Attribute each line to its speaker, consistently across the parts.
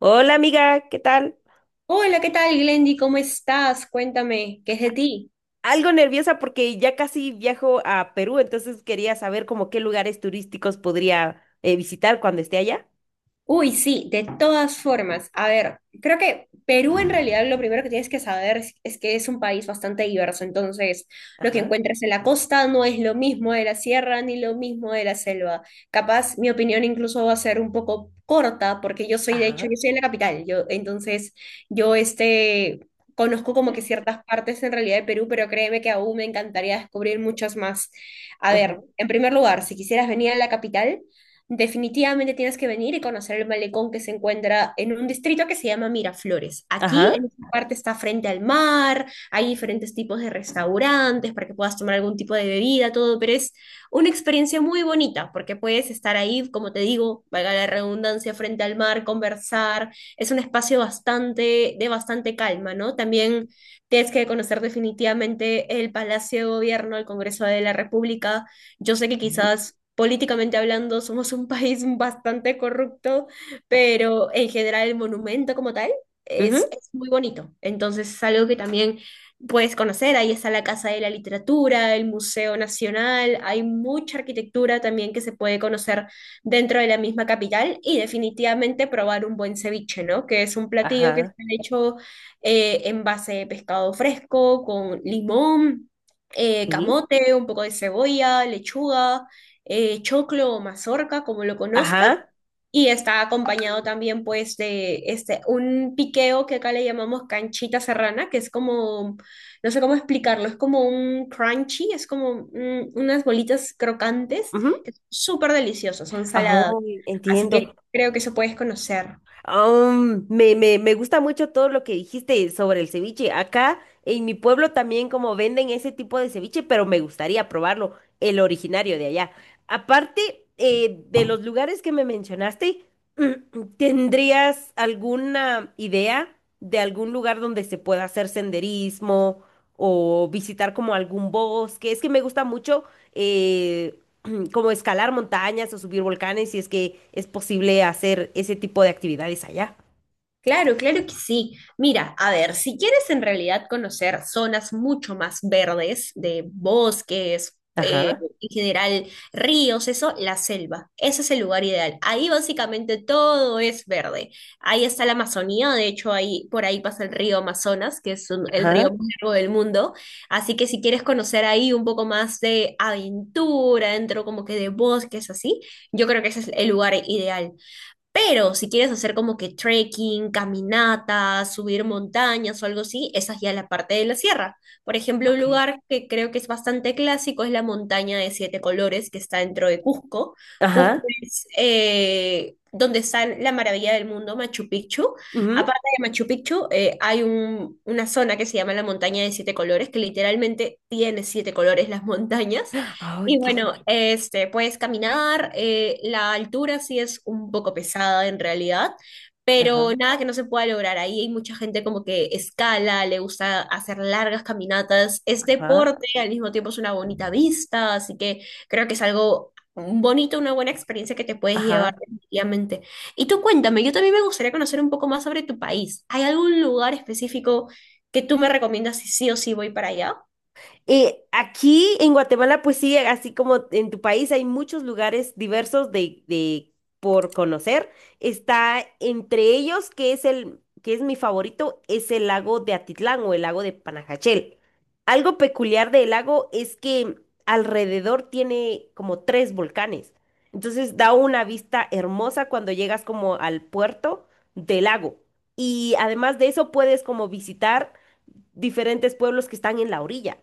Speaker 1: Hola amiga, ¿qué tal?
Speaker 2: Hola, ¿qué tal, Glendy? ¿Cómo estás? Cuéntame, ¿qué es de ti?
Speaker 1: Algo nerviosa porque ya casi viajo a Perú, entonces quería saber como qué lugares turísticos podría visitar cuando esté allá.
Speaker 2: Uy, sí, de todas formas. A ver, creo que Perú en realidad lo primero que tienes que saber es que es un país bastante diverso. Entonces, lo que
Speaker 1: Ajá,
Speaker 2: encuentras en la costa no es lo mismo de la sierra ni lo mismo de la selva. Capaz, mi opinión incluso va a ser un poco corta porque de hecho,
Speaker 1: ajá,
Speaker 2: yo soy de la capital. Entonces, yo este, conozco como que ciertas partes en realidad de Perú, pero créeme que aún me encantaría descubrir muchas más. A
Speaker 1: ajá,
Speaker 2: ver, en primer lugar, si quisieras venir a la capital. Definitivamente tienes que venir y conocer el malecón que se encuentra en un distrito que se llama Miraflores. Aquí,
Speaker 1: ajá,
Speaker 2: en esta parte, está frente al mar, hay diferentes tipos de restaurantes para que puedas tomar algún tipo de bebida, todo, pero es una experiencia muy bonita porque puedes estar ahí, como te digo, valga la redundancia, frente al mar, conversar. Es un espacio bastante, de bastante calma, ¿no? También tienes que conocer definitivamente el Palacio de Gobierno, el Congreso de la República. Yo sé que
Speaker 1: ujú,
Speaker 2: quizás políticamente hablando somos un país bastante corrupto, pero en general el monumento como tal es,
Speaker 1: ujú,
Speaker 2: es muy bonito. Entonces es algo que también puedes conocer. Ahí está la Casa de la Literatura, el Museo Nacional, hay mucha arquitectura también que se puede conocer dentro de la misma capital, y definitivamente probar un buen ceviche, ¿no? Que es un platillo que
Speaker 1: ajá,
Speaker 2: está hecho, en base de pescado fresco, con limón,
Speaker 1: sí,
Speaker 2: camote, un poco de cebolla, lechuga, choclo o mazorca, como lo conozcas,
Speaker 1: ajá,
Speaker 2: y está acompañado también, pues, de este, un piqueo que acá le llamamos canchita serrana, que es como, no sé cómo explicarlo, es como un crunchy, es como unas bolitas crocantes,
Speaker 1: ujú.
Speaker 2: que son súper deliciosas, son saladas,
Speaker 1: Ay,
Speaker 2: así
Speaker 1: entiendo.
Speaker 2: que creo que eso puedes conocer.
Speaker 1: Me gusta mucho todo lo que dijiste sobre el ceviche. Acá en mi pueblo también como venden ese tipo de ceviche, pero me gustaría probarlo, el originario de allá. Aparte de los lugares que me mencionaste, ¿tendrías alguna idea de algún lugar donde se pueda hacer senderismo o visitar como algún bosque? Es que me gusta mucho eh, como escalar montañas o subir volcanes, si es que es posible hacer ese tipo de actividades allá.
Speaker 2: Claro, claro que sí. Mira, a ver, si quieres en realidad conocer zonas mucho más verdes, de bosques,
Speaker 1: Ajá,
Speaker 2: en general ríos, eso, la selva. Ese es el lugar ideal. Ahí básicamente todo es verde. Ahí está la Amazonía, de hecho, ahí por ahí pasa el río Amazonas, que es el río
Speaker 1: ajá,
Speaker 2: más largo del mundo. Así que si quieres conocer ahí un poco más de aventura, dentro como que de bosques, así, yo creo que ese es el lugar ideal. Pero si quieres hacer como que trekking, caminatas, subir montañas o algo así, esa es ya la parte de la sierra. Por ejemplo, un
Speaker 1: ok.
Speaker 2: lugar que creo que es bastante clásico es la montaña de siete colores que está dentro de Cusco. Cusco
Speaker 1: Ajá,
Speaker 2: es, donde está la maravilla del mundo, Machu Picchu.
Speaker 1: ujú.
Speaker 2: Aparte de Machu Picchu, hay una zona que se llama la montaña de siete colores, que literalmente tiene siete colores las montañas.
Speaker 1: Ay,
Speaker 2: Y
Speaker 1: qué lindo.
Speaker 2: bueno, este, puedes caminar, la altura sí es un poco pesada en realidad,
Speaker 1: Ajá,
Speaker 2: pero nada que no se pueda lograr. Ahí hay mucha gente como que escala, le gusta hacer largas caminatas, es
Speaker 1: ajá,
Speaker 2: deporte, al mismo tiempo es una bonita vista, así que creo que es algo bonito, una buena experiencia que te puedes llevar
Speaker 1: ajá.
Speaker 2: definitivamente. Y tú cuéntame, yo también me gustaría conocer un poco más sobre tu país. ¿Hay algún lugar específico que tú me recomiendas si sí o sí voy para allá?
Speaker 1: Aquí en Guatemala, pues sí, así como en tu país hay muchos lugares diversos de por conocer. Está entre ellos, que es el, que es mi favorito, es el lago de Atitlán o el lago de Panajachel. Algo peculiar del lago es que alrededor tiene como tres volcanes. Entonces da una vista hermosa cuando llegas como al puerto del lago. Y además de eso puedes como visitar diferentes pueblos que están en la orilla.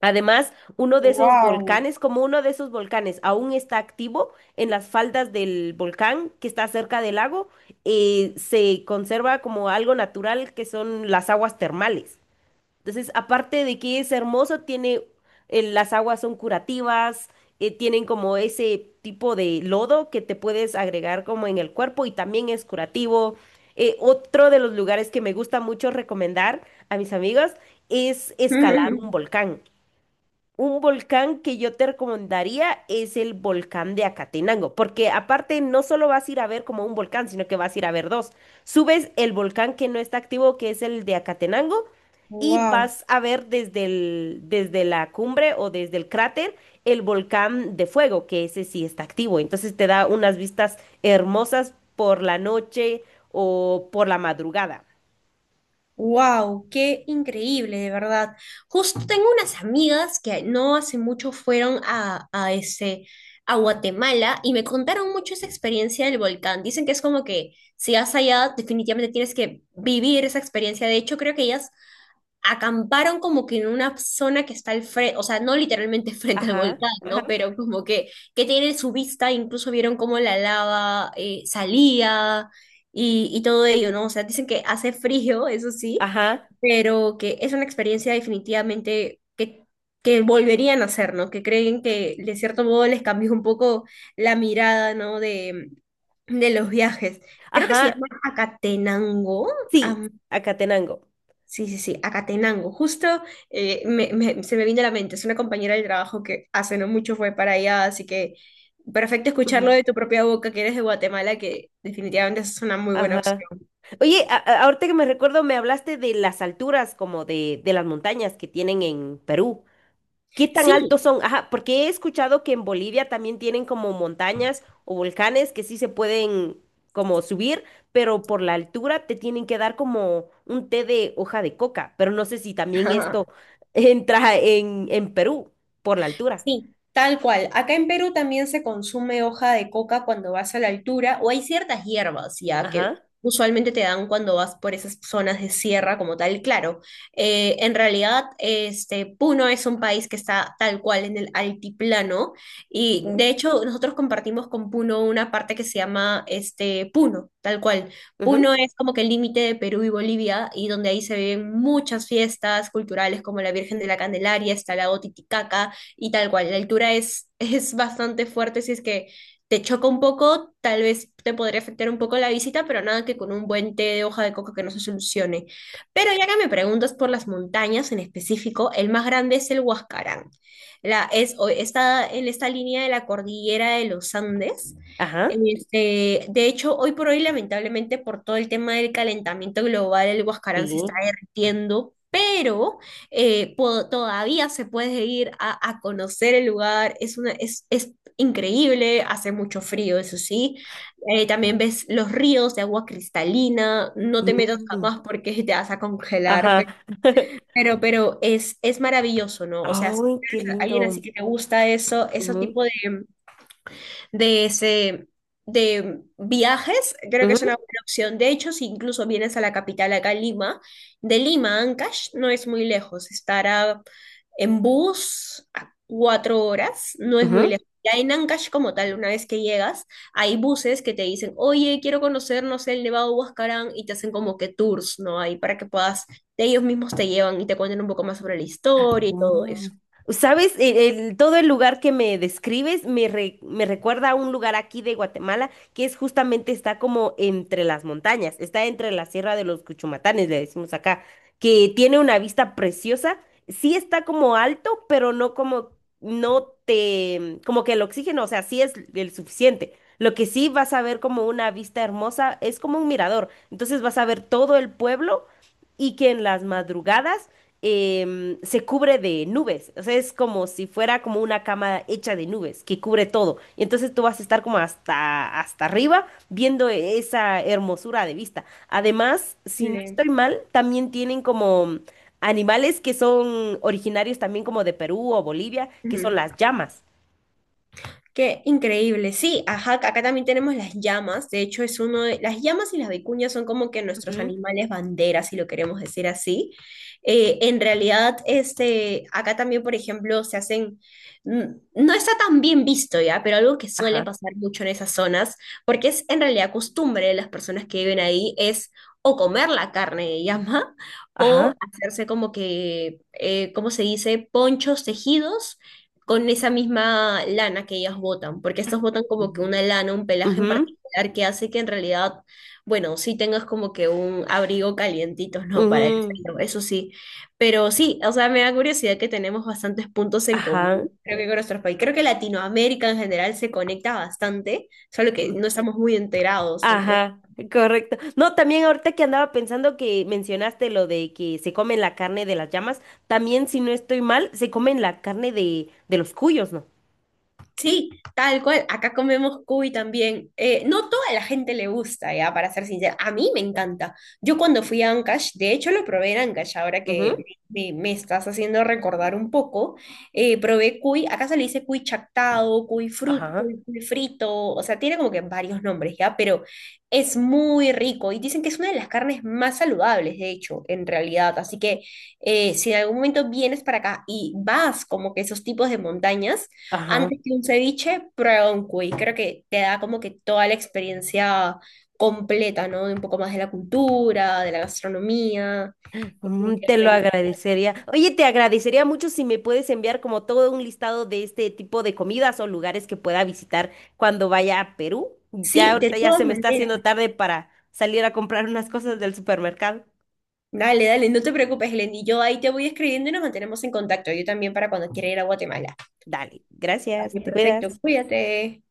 Speaker 1: Además, uno de esos
Speaker 2: Wow,
Speaker 1: volcanes, como uno de esos volcanes aún está activo en las faldas del volcán que está cerca del lago, se conserva como algo natural que son las aguas termales. Entonces, aparte de que es hermoso, tiene, las aguas son curativas, tienen como ese tipo de lodo que te puedes agregar como en el cuerpo y también es curativo. Otro de los lugares que me gusta mucho recomendar a mis amigos es escalar un volcán. Un volcán que yo te recomendaría es el volcán de Acatenango, porque aparte no solo vas a ir a ver como un volcán, sino que vas a ir a ver dos. Subes el volcán que no está activo, que es el de Acatenango, y
Speaker 2: wow.
Speaker 1: vas a ver desde el, desde la cumbre o desde el cráter el volcán de fuego, que ese sí está activo. Entonces te da unas vistas hermosas por la noche o por la madrugada.
Speaker 2: Wow, qué increíble, de verdad. Justo tengo unas amigas que no hace mucho fueron a Guatemala y me contaron mucho esa experiencia del volcán. Dicen que es como que si vas allá, definitivamente tienes que vivir esa experiencia. De hecho, creo que ellas acamparon como que en una zona que está al frente, o sea, no literalmente frente al
Speaker 1: Ajá,
Speaker 2: volcán,
Speaker 1: ajá,
Speaker 2: ¿no? Pero como que tiene su vista, incluso vieron cómo la lava, salía, y todo ello, ¿no? O sea, dicen que hace frío, eso sí,
Speaker 1: ajá,
Speaker 2: pero que es una experiencia definitivamente que volverían a hacer, ¿no? Que creen que de cierto modo les cambió un poco la mirada, ¿no? De los viajes. Creo que se
Speaker 1: ajá,
Speaker 2: llama Acatenango.
Speaker 1: sí, Acatenango.
Speaker 2: Sí, sí, sí, Acatenango. Justo se me vino a la mente. Es una compañera del trabajo que hace no mucho fue para allá, así que perfecto
Speaker 1: Ujú.
Speaker 2: escucharlo de tu propia boca, que eres de Guatemala, que definitivamente es una muy buena
Speaker 1: Ajá.
Speaker 2: opción.
Speaker 1: Oye, ahorita que me recuerdo, me hablaste de las alturas, como de las montañas que tienen en Perú. ¿Qué tan
Speaker 2: Sí.
Speaker 1: altos son? Ajá, porque he escuchado que en Bolivia también tienen como montañas o volcanes que sí se pueden como subir, pero por la altura te tienen que dar como un té de hoja de coca. Pero no sé si también esto entra en Perú por la altura.
Speaker 2: Sí, tal cual. Acá en Perú también se consume hoja de coca cuando vas a la altura, o hay ciertas hierbas ya que
Speaker 1: Ajá.
Speaker 2: usualmente te dan cuando vas por esas zonas de sierra como tal. Claro, en realidad, este, Puno es un país que está tal cual en el altiplano y
Speaker 1: Ujú,
Speaker 2: de hecho nosotros compartimos con Puno una parte que se llama, este, Puno, tal cual. Puno
Speaker 1: ujú,
Speaker 2: es como que el límite de Perú y Bolivia, y donde ahí se ven muchas fiestas culturales como la Virgen de la Candelaria, está el lago Titicaca y, tal cual, la altura es, es bastante fuerte, si es que te choca un poco, tal vez te podría afectar un poco la visita, pero nada que con un buen té de hoja de coca que no se solucione. Pero ya que me preguntas por las montañas en específico, el más grande es el Huascarán. La, es, o- está en esta línea de la cordillera de los Andes.
Speaker 1: Ajá.
Speaker 2: Este, de hecho, hoy por hoy, lamentablemente, por todo el tema del calentamiento global, el Huascarán se está
Speaker 1: Sí.
Speaker 2: derritiendo, pero todavía se puede ir a conocer el lugar, es increíble, hace mucho frío, eso sí. También ves los ríos de agua cristalina, no te metas
Speaker 1: Mm,
Speaker 2: jamás porque te vas a congelar,
Speaker 1: Ajá.
Speaker 2: pe- pero, pero es maravilloso, ¿no? O sea, si
Speaker 1: Ay, qué
Speaker 2: eres alguien así
Speaker 1: lindo.
Speaker 2: que te gusta eso, ese tipo de ese de viajes, creo que
Speaker 1: Ujú,
Speaker 2: es una buena opción. De hecho, si incluso vienes a la capital acá en Lima, de Lima a Ancash no es muy lejos, estará en bus a 4 horas, no es muy
Speaker 1: ujú.
Speaker 2: lejos. Ya en Ancash como tal, una vez que llegas, hay buses que te dicen, oye, quiero conocer, no sé, el Nevado de Huascarán, y te hacen como que tours, ¿no? Ahí para que puedas, ellos mismos te llevan y te cuenten un poco más sobre la historia y todo eso.
Speaker 1: Wow. ¿Sabes? Todo el lugar que me describes me recuerda a un lugar aquí de Guatemala que es justamente está como entre las montañas, está entre la Sierra de los Cuchumatanes, le decimos acá, que tiene una vista preciosa. Sí está como alto, pero no como, no te, como que el oxígeno, o sea, sí es el suficiente. Lo que sí vas a ver como una vista hermosa es como un mirador. Entonces vas a ver todo el pueblo y que en las madrugadas se cubre de nubes. O sea, es como si fuera como una cama hecha de nubes que cubre todo. Y entonces tú vas a estar como hasta arriba viendo esa hermosura de vista. Además, si no
Speaker 2: Chile.
Speaker 1: estoy mal, también tienen como animales que son originarios también como de Perú o Bolivia, que son las llamas.
Speaker 2: Qué increíble. Sí, ajá, acá también tenemos las llamas. De hecho, es uno de, las llamas y las vicuñas son como que nuestros
Speaker 1: Ujú,
Speaker 2: animales banderas, si lo queremos decir así. En realidad, este, acá también, por ejemplo, se hacen, mm, no está tan bien visto ya, pero algo que suele
Speaker 1: Ajá,
Speaker 2: pasar mucho en esas zonas, porque es en realidad costumbre de las personas que viven ahí, es o comer la carne de llama o
Speaker 1: ajá.
Speaker 2: hacerse como que, ¿cómo se dice? Ponchos tejidos con esa misma lana que ellas botan, porque estas botan como
Speaker 1: Ujú,
Speaker 2: que una lana, un pelaje en
Speaker 1: ujú,
Speaker 2: particular que hace que en realidad, bueno, sí tengas como que un abrigo calientito, ¿no? Para el
Speaker 1: ujú,
Speaker 2: frío, eso sí. Pero sí, o sea, me da curiosidad que tenemos bastantes puntos en común,
Speaker 1: Ajá.
Speaker 2: creo que con nuestros países. Creo que Latinoamérica en general se conecta bastante, solo que no estamos muy enterados entre
Speaker 1: Ajá, correcto. No, también ahorita que andaba pensando que mencionaste lo de que se comen la carne de las llamas, también si no estoy mal, se comen la carne de los cuyos, ¿no?
Speaker 2: sí, tal cual. Acá comemos cuy también. No toda la gente le gusta, ya, para ser sincera. A mí me encanta. Yo cuando fui a Ancash, de hecho lo probé en Ancash, ahora que
Speaker 1: Ujú.
Speaker 2: me estás haciendo recordar un poco, probé cuy, acá se le dice cuy chactado, cuy, frut,
Speaker 1: Ajá,
Speaker 2: cuy, cuy frito, o sea, tiene como que varios nombres, ya, pero es muy rico y dicen que es una de las carnes más saludables, de hecho, en realidad. Así que, si en algún momento vienes para acá y vas como que esos tipos de montañas,
Speaker 1: ajá.
Speaker 2: antes que un ceviche, prueba un cuy. Creo que te da como que toda la experiencia completa, ¿no? De un poco más de la cultura, de la gastronomía,
Speaker 1: Mm, te lo
Speaker 2: definitivamente.
Speaker 1: agradecería. Oye, te agradecería mucho si me puedes enviar como todo un listado de este tipo de comidas o lugares que pueda visitar cuando vaya a Perú. Ya
Speaker 2: Sí, de
Speaker 1: ahorita ya
Speaker 2: todas
Speaker 1: se me está
Speaker 2: maneras.
Speaker 1: haciendo tarde para salir a comprar unas cosas del supermercado.
Speaker 2: Dale, dale, no te preocupes, Helen. Y yo ahí te voy escribiendo y nos mantenemos en contacto. Yo también para cuando quiera ir a Guatemala.
Speaker 1: Dale, gracias,
Speaker 2: Vale,
Speaker 1: te
Speaker 2: perfecto.
Speaker 1: cuidas.
Speaker 2: Cuídate.